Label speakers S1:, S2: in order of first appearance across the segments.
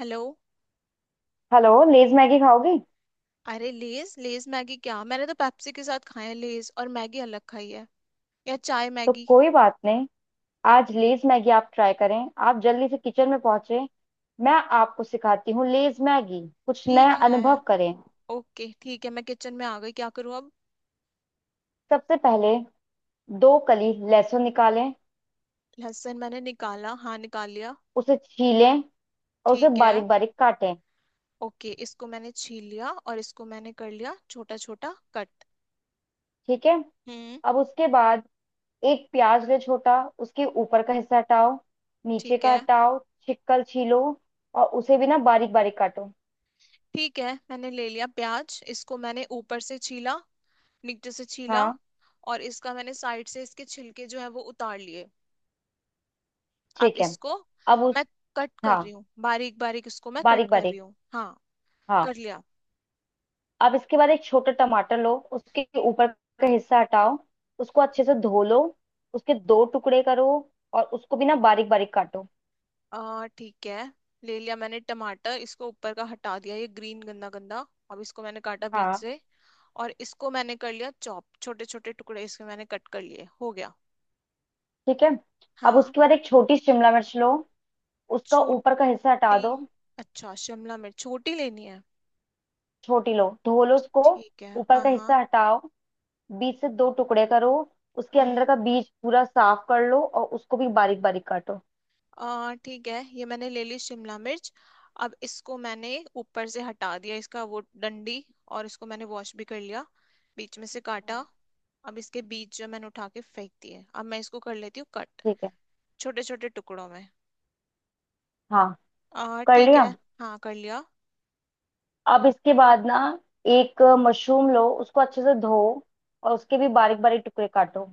S1: Hello.
S2: Hello. Lay's Maggi खाओगी?
S1: अरे Lay's Lay's Maggi, क्या मैंने तो पेप्सी के साथ खाए हैं, लेज और मैगी अलग खाई है या चाय
S2: तो
S1: मैगी।
S2: कोई बात नहीं। आज लेज मैगी आप ट्राई करें। आप जल्दी से किचन में पहुंचे। मैं आपको सिखाती हूँ लेज मैगी। कुछ नया
S1: ठीक है।
S2: अनुभव करें।
S1: ओके ठीक है, मैं किचन में आ गई, क्या करूँ अब।
S2: सबसे पहले दो कली लहसुन निकालें।
S1: लहसुन मैंने निकाला, हाँ निकाल लिया।
S2: उसे छीलें और उसे
S1: ठीक है।
S2: बारीक बारीक काटें।
S1: ओके, इसको मैंने छील लिया और इसको मैंने कर लिया छोटा छोटा कट।
S2: ठीक है।
S1: हम्म।
S2: अब उसके बाद एक प्याज ले, छोटा। उसके ऊपर का हिस्सा हटाओ, नीचे
S1: ठीक
S2: का
S1: है।
S2: हटाओ। छिकल छीलो और उसे भी ना बारीक बारीक काटो।
S1: ठीक है, मैंने ले लिया प्याज, इसको मैंने ऊपर से छीला, नीचे से छीला
S2: हाँ।
S1: और इसका मैंने साइड से इसके छिलके जो है वो उतार लिए। अब
S2: ठीक है।
S1: इसको
S2: अब उस
S1: मैं कट कर रही
S2: हाँ,
S1: हूँ, बारीक बारीक इसको मैं कट
S2: बारीक
S1: कर रही
S2: बारीक।
S1: हूँ। हाँ कर
S2: हाँ।
S1: लिया।
S2: अब इसके बाद एक छोटा टमाटर लो, उसके ऊपर का हिस्सा हटाओ। उसको अच्छे से धो लो, उसके दो टुकड़े करो और उसको भी ना बारीक बारीक काटो।
S1: आ ठीक है, ले लिया मैंने टमाटर, इसको ऊपर का हटा दिया, ये ग्रीन गंदा गंदा, अब इसको मैंने काटा बीच
S2: हाँ।
S1: से और इसको मैंने कर लिया चॉप, छोटे छोटे टुकड़े इसके मैंने कट कर लिए, हो गया।
S2: ठीक है। अब
S1: हाँ।
S2: उसके बाद एक छोटी शिमला मिर्च लो, उसका
S1: छोटी?
S2: ऊपर का हिस्सा हटा दो।
S1: अच्छा शिमला मिर्च छोटी लेनी है।
S2: छोटी लो, धो लो उसको।
S1: ठीक है
S2: ऊपर
S1: हाँ
S2: का
S1: हाँ।
S2: हिस्सा हटाओ, बीच से दो टुकड़े करो। उसके अंदर
S1: हम्म।
S2: का बीज पूरा साफ कर लो और उसको भी बारीक बारीक काटो।
S1: ठीक है, ये मैंने ले ली शिमला मिर्च, अब इसको मैंने ऊपर से हटा दिया इसका वो डंडी और इसको मैंने वॉश भी कर लिया, बीच में से
S2: हाँ।
S1: काटा। अब इसके बीज जो मैंने उठा के फेंक दिए, अब मैं इसको कर लेती हूँ कट,
S2: ठीक है।
S1: छोटे छोटे टुकड़ों में।
S2: हाँ, कर
S1: ठीक
S2: लिया।
S1: है, हाँ कर लिया।
S2: अब इसके बाद ना एक मशरूम लो, उसको अच्छे से धो और उसके भी बारीक बारीक टुकड़े काटो।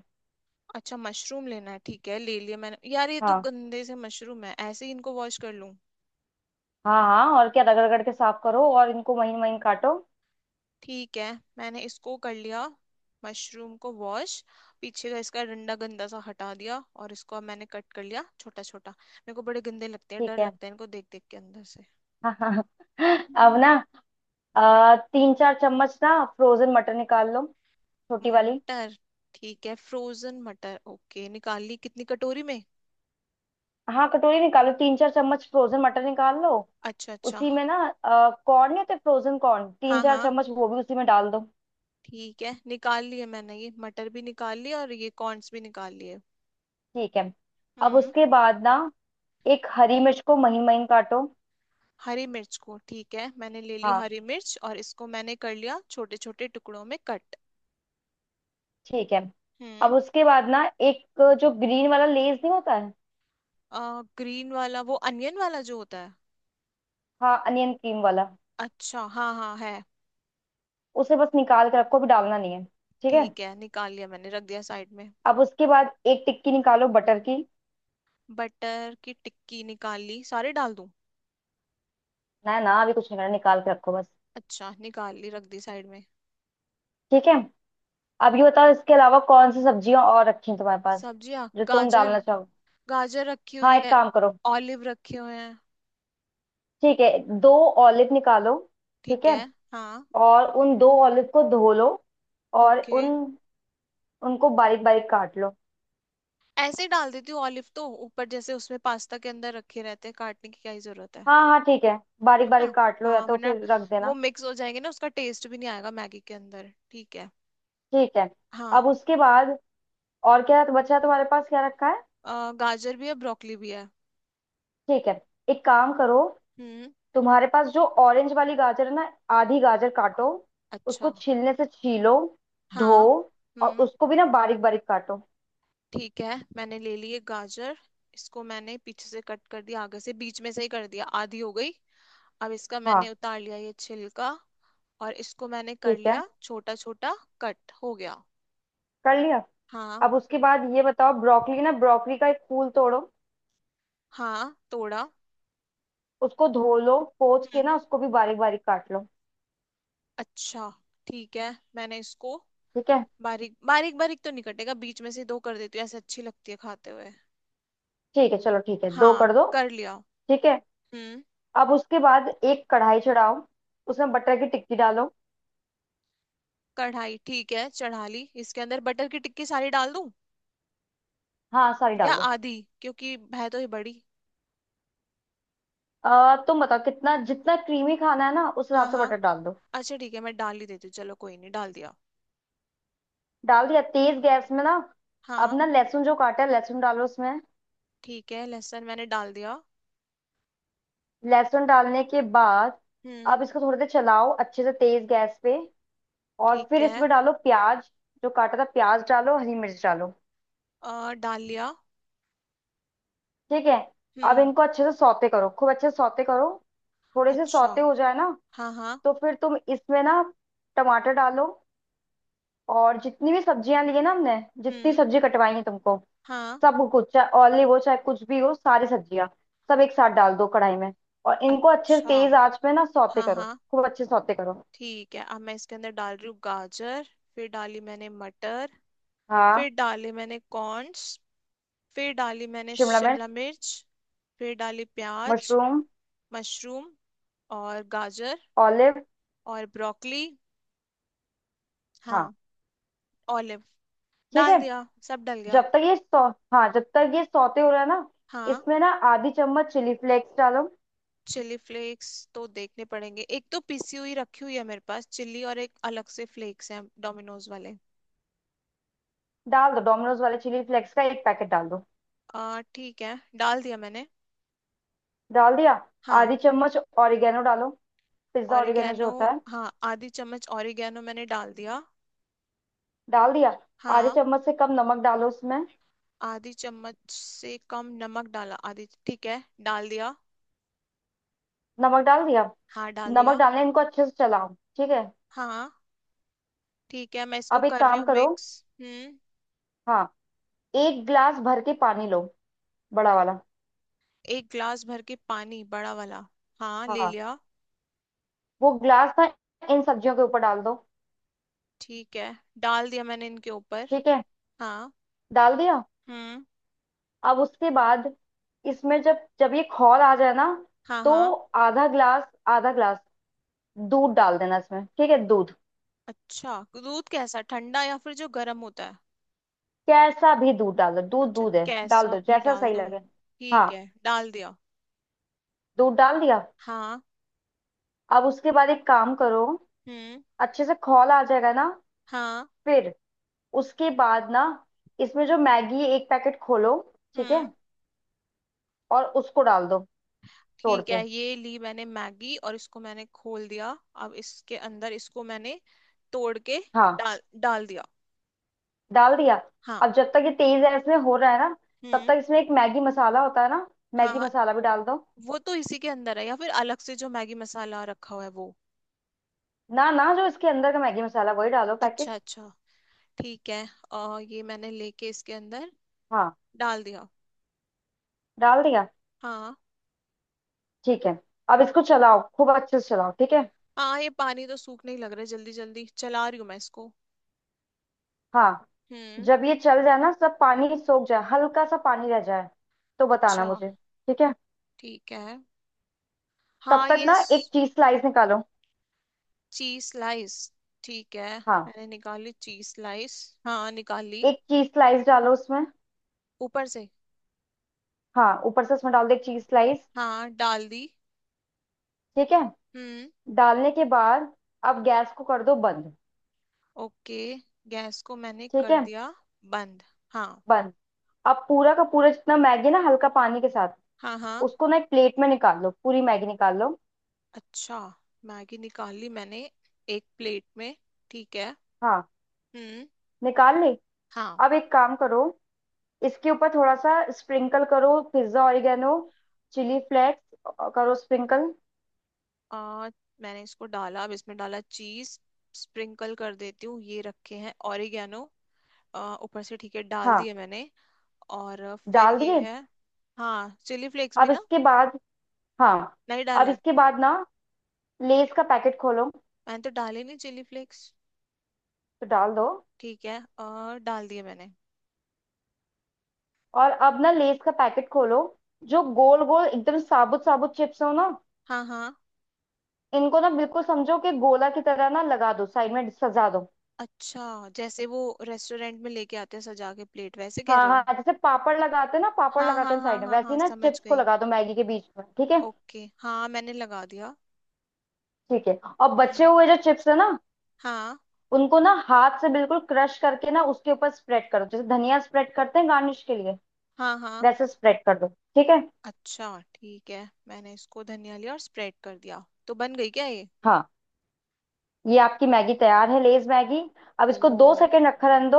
S1: अच्छा मशरूम लेना है, ठीक है, ले लिया मैंने, यार ये तो
S2: हाँ
S1: गंदे से मशरूम है, ऐसे ही इनको वॉश कर लूं?
S2: हाँ। हाँ और क्या, रगड़ रगड़ के साफ करो और इनको महीन महीन काटो।
S1: ठीक है मैंने इसको कर लिया, मशरूम को वॉश, पीछे का इसका डंडा गंदा सा हटा दिया और इसको अब मैंने कट कर लिया छोटा छोटा, मेरे को बड़े गंदे लगते हैं, डर
S2: ठीक है।
S1: लगता है इनको देख देख के अंदर से।
S2: हाँ हाँ। अब
S1: हम्म।
S2: ना तीन चार चम्मच ना फ्रोजन मटर निकाल लो, छोटी वाली।
S1: मटर? ठीक है फ्रोजन मटर, ओके, निकाल ली, कितनी कटोरी में?
S2: हाँ, कटोरी निकालो, तीन चार चम्मच फ्रोजन मटर निकाल लो।
S1: अच्छा अच्छा।
S2: उसी में ना कॉर्न नहीं होते फ्रोजन कॉर्न, तीन
S1: हाँ
S2: चार
S1: हाँ।
S2: चम्मच वो भी उसी में डाल दो।
S1: ठीक है निकाल लिए मैंने, ये मटर भी निकाल लिए और ये कॉर्न्स भी निकाल लिए।
S2: ठीक है। अब
S1: हम्म।
S2: उसके बाद ना एक हरी मिर्च को महीन महीन काटो।
S1: हरी मिर्च को ठीक है, मैंने ले ली
S2: हाँ।
S1: हरी मिर्च और इसको मैंने कर लिया छोटे छोटे टुकड़ों में कट।
S2: ठीक है।
S1: हम्म।
S2: अब उसके बाद ना एक जो ग्रीन वाला लेस नहीं होता है,
S1: ग्रीन वाला, वो अनियन वाला जो होता है?
S2: हाँ अनियन क्रीम वाला,
S1: अच्छा हाँ हाँ है।
S2: उसे बस निकाल कर रखो, अभी डालना नहीं है। ठीक है।
S1: ठीक है निकाल लिया मैंने, रख दिया साइड में।
S2: अब उसके बाद एक टिक्की निकालो बटर की।
S1: बटर की टिक्की निकाल ली, सारे डाल दूं?
S2: ना ना, अभी कुछ नहीं करना, निकाल के रखो बस।
S1: अच्छा निकाल ली, रख दी साइड में।
S2: ठीक है। अब ये बताओ इसके अलावा कौन सी सब्जियां और रखी हैं तुम्हारे पास?
S1: सब्जियाँ,
S2: जो तुम
S1: गाजर।
S2: डालना चाहो।
S1: गाजर रखी
S2: हाँ,
S1: हुई
S2: एक
S1: है।
S2: काम करो।
S1: ऑलिव रखे हुए हैं।
S2: ठीक है। दो ऑलिव निकालो। ठीक
S1: ठीक
S2: है।
S1: है। हाँ।
S2: और उन दो ऑलिव को धो लो और
S1: ओके।
S2: उन उनको बारीक बारीक काट लो।
S1: ऐसे ही डाल देती हूँ ऑलिव, तो ऊपर जैसे उसमें पास्ता के अंदर रखे रहते हैं, काटने की क्या ही जरूरत है
S2: हाँ हाँ। ठीक है। बारीक
S1: है ना।
S2: बारीक काट लो या
S1: हाँ
S2: तो
S1: वरना
S2: फिर रख
S1: वो
S2: देना।
S1: मिक्स हो जाएंगे ना, उसका टेस्ट भी नहीं आएगा मैगी के अंदर, ठीक है।
S2: ठीक है।
S1: हाँ।
S2: अब उसके बाद और क्या बचा है तुम्हारे पास, क्या रखा है?
S1: गाजर भी है, ब्रोकली भी है।
S2: ठीक है, एक काम करो।
S1: हम्म।
S2: तुम्हारे पास जो ऑरेंज वाली गाजर है ना, आधी गाजर काटो। उसको
S1: अच्छा।
S2: छीलने से छीलो, धो
S1: हाँ।
S2: और
S1: हम्म।
S2: उसको भी ना बारीक बारीक काटो।
S1: ठीक है मैंने ले ली एक गाजर, इसको मैंने पीछे से कट कर दिया, आगे से बीच में से ही कर दिया, आधी हो गई। अब इसका मैंने
S2: हाँ।
S1: उतार लिया ये छिलका और इसको मैंने कर
S2: ठीक है,
S1: लिया छोटा छोटा, कट हो गया।
S2: कर लिया।
S1: हाँ।
S2: अब उसके बाद ये बताओ ब्रोकली, ना ब्रोकली का एक फूल तोड़ो।
S1: हाँ तोड़ा।
S2: उसको धो लो, पोंछ के
S1: हम्म।
S2: ना उसको भी बारीक बारीक काट लो।
S1: अच्छा। ठीक है मैंने इसको,
S2: ठीक है।
S1: बारीक बारीक बारीक तो नहीं कटेगा, बीच में से दो कर देती हूँ, ऐसे अच्छी लगती है खाते हुए।
S2: ठीक है, चलो ठीक है, दो
S1: हाँ
S2: कर दो।
S1: कर लिया।
S2: ठीक है।
S1: हम्म।
S2: अब उसके बाद एक कढ़ाई चढ़ाओ, उसमें बटर की टिक्की डालो।
S1: कढ़ाई ठीक है, चढ़ा ली, इसके अंदर बटर की टिक्की सारी डाल दूं
S2: हाँ, सारी
S1: या
S2: डालो।
S1: आधी, क्योंकि है तो ये बड़ी।
S2: तुम बताओ कितना, जितना क्रीमी खाना है ना उस
S1: हाँ
S2: हिसाब से
S1: हाँ।
S2: बटर डाल दो।
S1: अच्छा ठीक है मैं डाल ही देती हूँ, चलो कोई नहीं, डाल दिया।
S2: डाल दिया? तेज गैस में ना। अब
S1: हाँ।
S2: ना लहसुन जो काटा है, लहसुन डालो उसमें।
S1: ठीक है लहसुन मैंने डाल दिया।
S2: लहसुन डालने के बाद
S1: हम्म।
S2: अब इसको थोड़ी देर चलाओ अच्छे से तेज गैस पे, और
S1: ठीक
S2: फिर
S1: है।
S2: इसमें डालो प्याज, जो काटा था प्याज डालो, हरी मिर्च डालो।
S1: और डाल लिया।
S2: ठीक है। अब
S1: हम्म।
S2: इनको अच्छे से सौते करो, खूब अच्छे से सौते करो। थोड़े से
S1: अच्छा।
S2: सौते हो जाए ना
S1: हाँ हाँ।
S2: तो फिर तुम इसमें ना टमाटर डालो और जितनी भी सब्जियां ली है ना हमने, जितनी
S1: हम्म।
S2: सब्जी कटवाई है तुमको,
S1: हाँ।
S2: सब कुछ, चाहे ऑलिव हो चाहे कुछ भी हो, सारी सब्जियां सब एक साथ डाल दो कढ़ाई में, और इनको अच्छे से
S1: अच्छा।
S2: तेज आंच पे ना सौते
S1: हाँ
S2: करो,
S1: हाँ।
S2: खूब अच्छे से सौते करो।
S1: ठीक है अब मैं इसके अंदर डाल रही हूँ गाजर, फिर डाली मैंने मटर,
S2: हाँ,
S1: फिर डाले मैंने कॉर्न्स, फिर डाली मैंने
S2: शिमला
S1: शिमला
S2: मिर्च,
S1: मिर्च, फिर डाली प्याज,
S2: मशरूम,
S1: मशरूम और गाजर
S2: ऑलिव।
S1: और ब्रोकली।
S2: हाँ।
S1: हाँ। ऑलिव।
S2: ठीक
S1: डाल
S2: है।
S1: दिया, सब डल गया।
S2: जब तक ये सौ हाँ, जब तक ये सौते हो रहा है ना,
S1: हाँ।
S2: इसमें ना आधी चम्मच चिली फ्लेक्स डालो।
S1: चिली फ्लेक्स तो देखने पड़ेंगे, एक तो पिसी हुई रखी हुई है मेरे पास चिली और एक अलग से फ्लेक्स हैं डोमिनोज वाले।
S2: डाल दो, डोमिनोज वाले चिली फ्लेक्स का एक पैकेट डाल दो।
S1: आ ठीक है, डाल दिया मैंने।
S2: डाल दिया?
S1: हाँ।
S2: आधी चम्मच ऑरिगेनो डालो, पिज्जा ऑरिगेनो जो
S1: ऑरिगेनो,
S2: होता है।
S1: हाँ आधी चम्मच ऑरिगेनो मैंने डाल दिया।
S2: डाल दिया? आधे
S1: हाँ।
S2: चम्मच से कम नमक डालो उसमें।
S1: आधी चम्मच से कम नमक डाला, आधी ठीक है, डाल दिया।
S2: नमक डाल दिया।
S1: हाँ डाल
S2: नमक
S1: दिया।
S2: डालने इनको अच्छे से चलाओ। ठीक है।
S1: हाँ। ठीक है मैं इसको
S2: अब एक
S1: कर रही
S2: काम
S1: हूँ
S2: करो।
S1: मिक्स। हम्म।
S2: हाँ, एक ग्लास भर के पानी लो, बड़ा वाला।
S1: एक ग्लास भर के पानी बड़ा वाला, हाँ ले
S2: हाँ,
S1: लिया।
S2: वो ग्लास ना इन सब्जियों के ऊपर डाल दो।
S1: ठीक है, डाल दिया मैंने इनके ऊपर।
S2: ठीक है।
S1: हाँ।
S2: डाल दिया।
S1: हम्म।
S2: अब उसके बाद इसमें जब जब ये खौल आ जाए ना
S1: हाँ
S2: तो
S1: हाँ।
S2: आधा ग्लास दूध डाल देना इसमें, ठीक है? दूध
S1: अच्छा दूध कैसा, ठंडा या फिर जो गर्म होता है?
S2: कैसा भी दूध डाल दो, दूध
S1: अच्छा
S2: दूध है, डाल
S1: कैसा
S2: दो
S1: भी
S2: जैसा
S1: डाल
S2: सही
S1: दूं,
S2: लगे। हाँ,
S1: ठीक है डाल दिया।
S2: दूध डाल दिया।
S1: हाँ।
S2: अब उसके बाद एक काम करो।
S1: हम्म।
S2: अच्छे से खौल आ जाएगा ना,
S1: हाँ।
S2: फिर उसके बाद ना इसमें जो मैगी एक पैकेट खोलो, ठीक है,
S1: हम्म।
S2: और उसको डाल दो, तोड़
S1: ठीक
S2: के।
S1: है ये ली मैंने मैगी और इसको मैंने खोल दिया, अब इसके अंदर इसको मैंने तोड़ के
S2: हाँ,
S1: डाल डाल दिया।
S2: डाल दिया।
S1: हाँ।
S2: अब जब तक ये तेज है, इसमें हो रहा है ना, तब
S1: हम्म।
S2: तक इसमें एक मैगी मसाला होता है ना,
S1: हाँ
S2: मैगी
S1: हाँ,
S2: मसाला भी डाल दो।
S1: वो तो इसी के अंदर है या फिर अलग से जो मैगी मसाला रखा हुआ है वो?
S2: ना ना, जो इसके अंदर का मैगी मसाला वही डालो
S1: अच्छा
S2: पैकेट।
S1: अच्छा ठीक है, और ये मैंने लेके इसके अंदर
S2: हाँ,
S1: डाल दिया।
S2: डाल दिया।
S1: हाँ।
S2: ठीक है। अब इसको चलाओ, खूब अच्छे से चलाओ, ठीक है?
S1: हाँ ये पानी तो सूखने ही लग रहा है, जल्दी जल्दी चला रही हूँ मैं इसको।
S2: हाँ।
S1: हम्म।
S2: जब ये चल जाए ना, सब पानी सोख जाए, हल्का सा पानी रह जाए, तो बताना
S1: अच्छा
S2: मुझे, ठीक है?
S1: ठीक है।
S2: तब
S1: हाँ
S2: तक
S1: ये।
S2: ना एक चीज स्लाइस निकालो।
S1: चीज स्लाइस ठीक है,
S2: हाँ,
S1: मैंने निकाली चीज स्लाइस, हाँ निकाली।
S2: एक चीज स्लाइस डालो उसमें।
S1: ऊपर से?
S2: हाँ, ऊपर से उसमें डाल दो एक चीज स्लाइस।
S1: हाँ डाल दी।
S2: ठीक है।
S1: हम्म।
S2: डालने के बाद अब गैस को कर दो बंद।
S1: ओके, गैस को मैंने
S2: ठीक
S1: कर
S2: है,
S1: दिया बंद। हाँ।
S2: बंद। अब पूरा का पूरा जितना मैगी ना, हल्का पानी के साथ
S1: हाँ। हाँ।
S2: उसको ना एक प्लेट में निकाल लो, पूरी मैगी निकाल लो।
S1: अच्छा, मैगी निकाल ली मैंने, एक प्लेट में, ठीक है।
S2: हाँ,
S1: हम्म।
S2: निकाल ली।
S1: हाँ।
S2: अब एक काम करो, इसके ऊपर थोड़ा सा स्प्रिंकल करो पिज्जा ऑरिगेनो, चिली फ्लेक्स करो स्प्रिंकल।
S1: आ, मैंने इसको डाला, अब इसमें डाला चीज, स्प्रिंकल कर देती हूँ, ये रखे हैं ऑरिगेनो, ऊपर से ठीक है, डाल
S2: हाँ,
S1: दिए मैंने। और फिर
S2: डाल
S1: ये
S2: दिए।
S1: है। हाँ चिली फ्लेक्स
S2: अब
S1: भी ना
S2: इसके बाद, हाँ,
S1: नहीं
S2: अब
S1: डाले,
S2: इसके बाद ना लेस का पैकेट खोलो।
S1: मैंने तो डाले नहीं चिली फ्लेक्स।
S2: तो डाल दो।
S1: ठीक है, डाल दिए मैंने।
S2: और अब ना लेस का पैकेट खोलो, जो गोल गोल एकदम साबुत साबुत चिप्स हो ना,
S1: हाँ हाँ,
S2: इनको ना बिल्कुल समझो कि गोला की तरह ना लगा दो, साइड में सजा दो।
S1: अच्छा जैसे वो रेस्टोरेंट में लेके आते हैं सजा के प्लेट, वैसे कह
S2: हाँ
S1: रहे हो?
S2: हाँ, जैसे पापड़ लगाते हैं ना, पापड़
S1: हाँ
S2: लगाते
S1: हाँ
S2: हैं
S1: हाँ
S2: साइड में,
S1: हाँ
S2: वैसे
S1: हाँ
S2: ही ना
S1: समझ
S2: चिप्स को
S1: गई।
S2: लगा दो मैगी के बीच में, ठीक है?
S1: ओके हाँ मैंने लगा दिया।
S2: ठीक है। और बचे
S1: हम्म।
S2: हुए जो चिप्स है ना,
S1: हाँ
S2: उनको ना हाथ से बिल्कुल क्रश करके ना उसके ऊपर स्प्रेड करो, जैसे धनिया स्प्रेड करते हैं गार्निश के लिए
S1: हाँ हाँ।
S2: वैसे स्प्रेड कर दो, ठीक है?
S1: अच्छा ठीक है, मैंने इसको धनिया लिया और स्प्रेड कर दिया, तो बन गई क्या ये?
S2: हाँ। ये आपकी मैगी तैयार है, लेज मैगी। अब इसको दो
S1: ओ।
S2: सेकंड रखा रहने दो,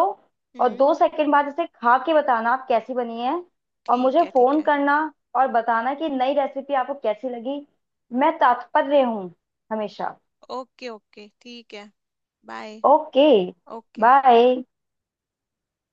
S2: और
S1: हम्म।
S2: 2 सेकंड बाद इसे खा के बताना आप कैसी बनी है, और
S1: ठीक
S2: मुझे
S1: है ठीक
S2: फोन
S1: है।
S2: करना और बताना कि नई रेसिपी आपको कैसी लगी। मैं तत्पर हूँ, हमेशा।
S1: ओके ओके ठीक है, बाय।
S2: Okay,
S1: okay.
S2: बाय।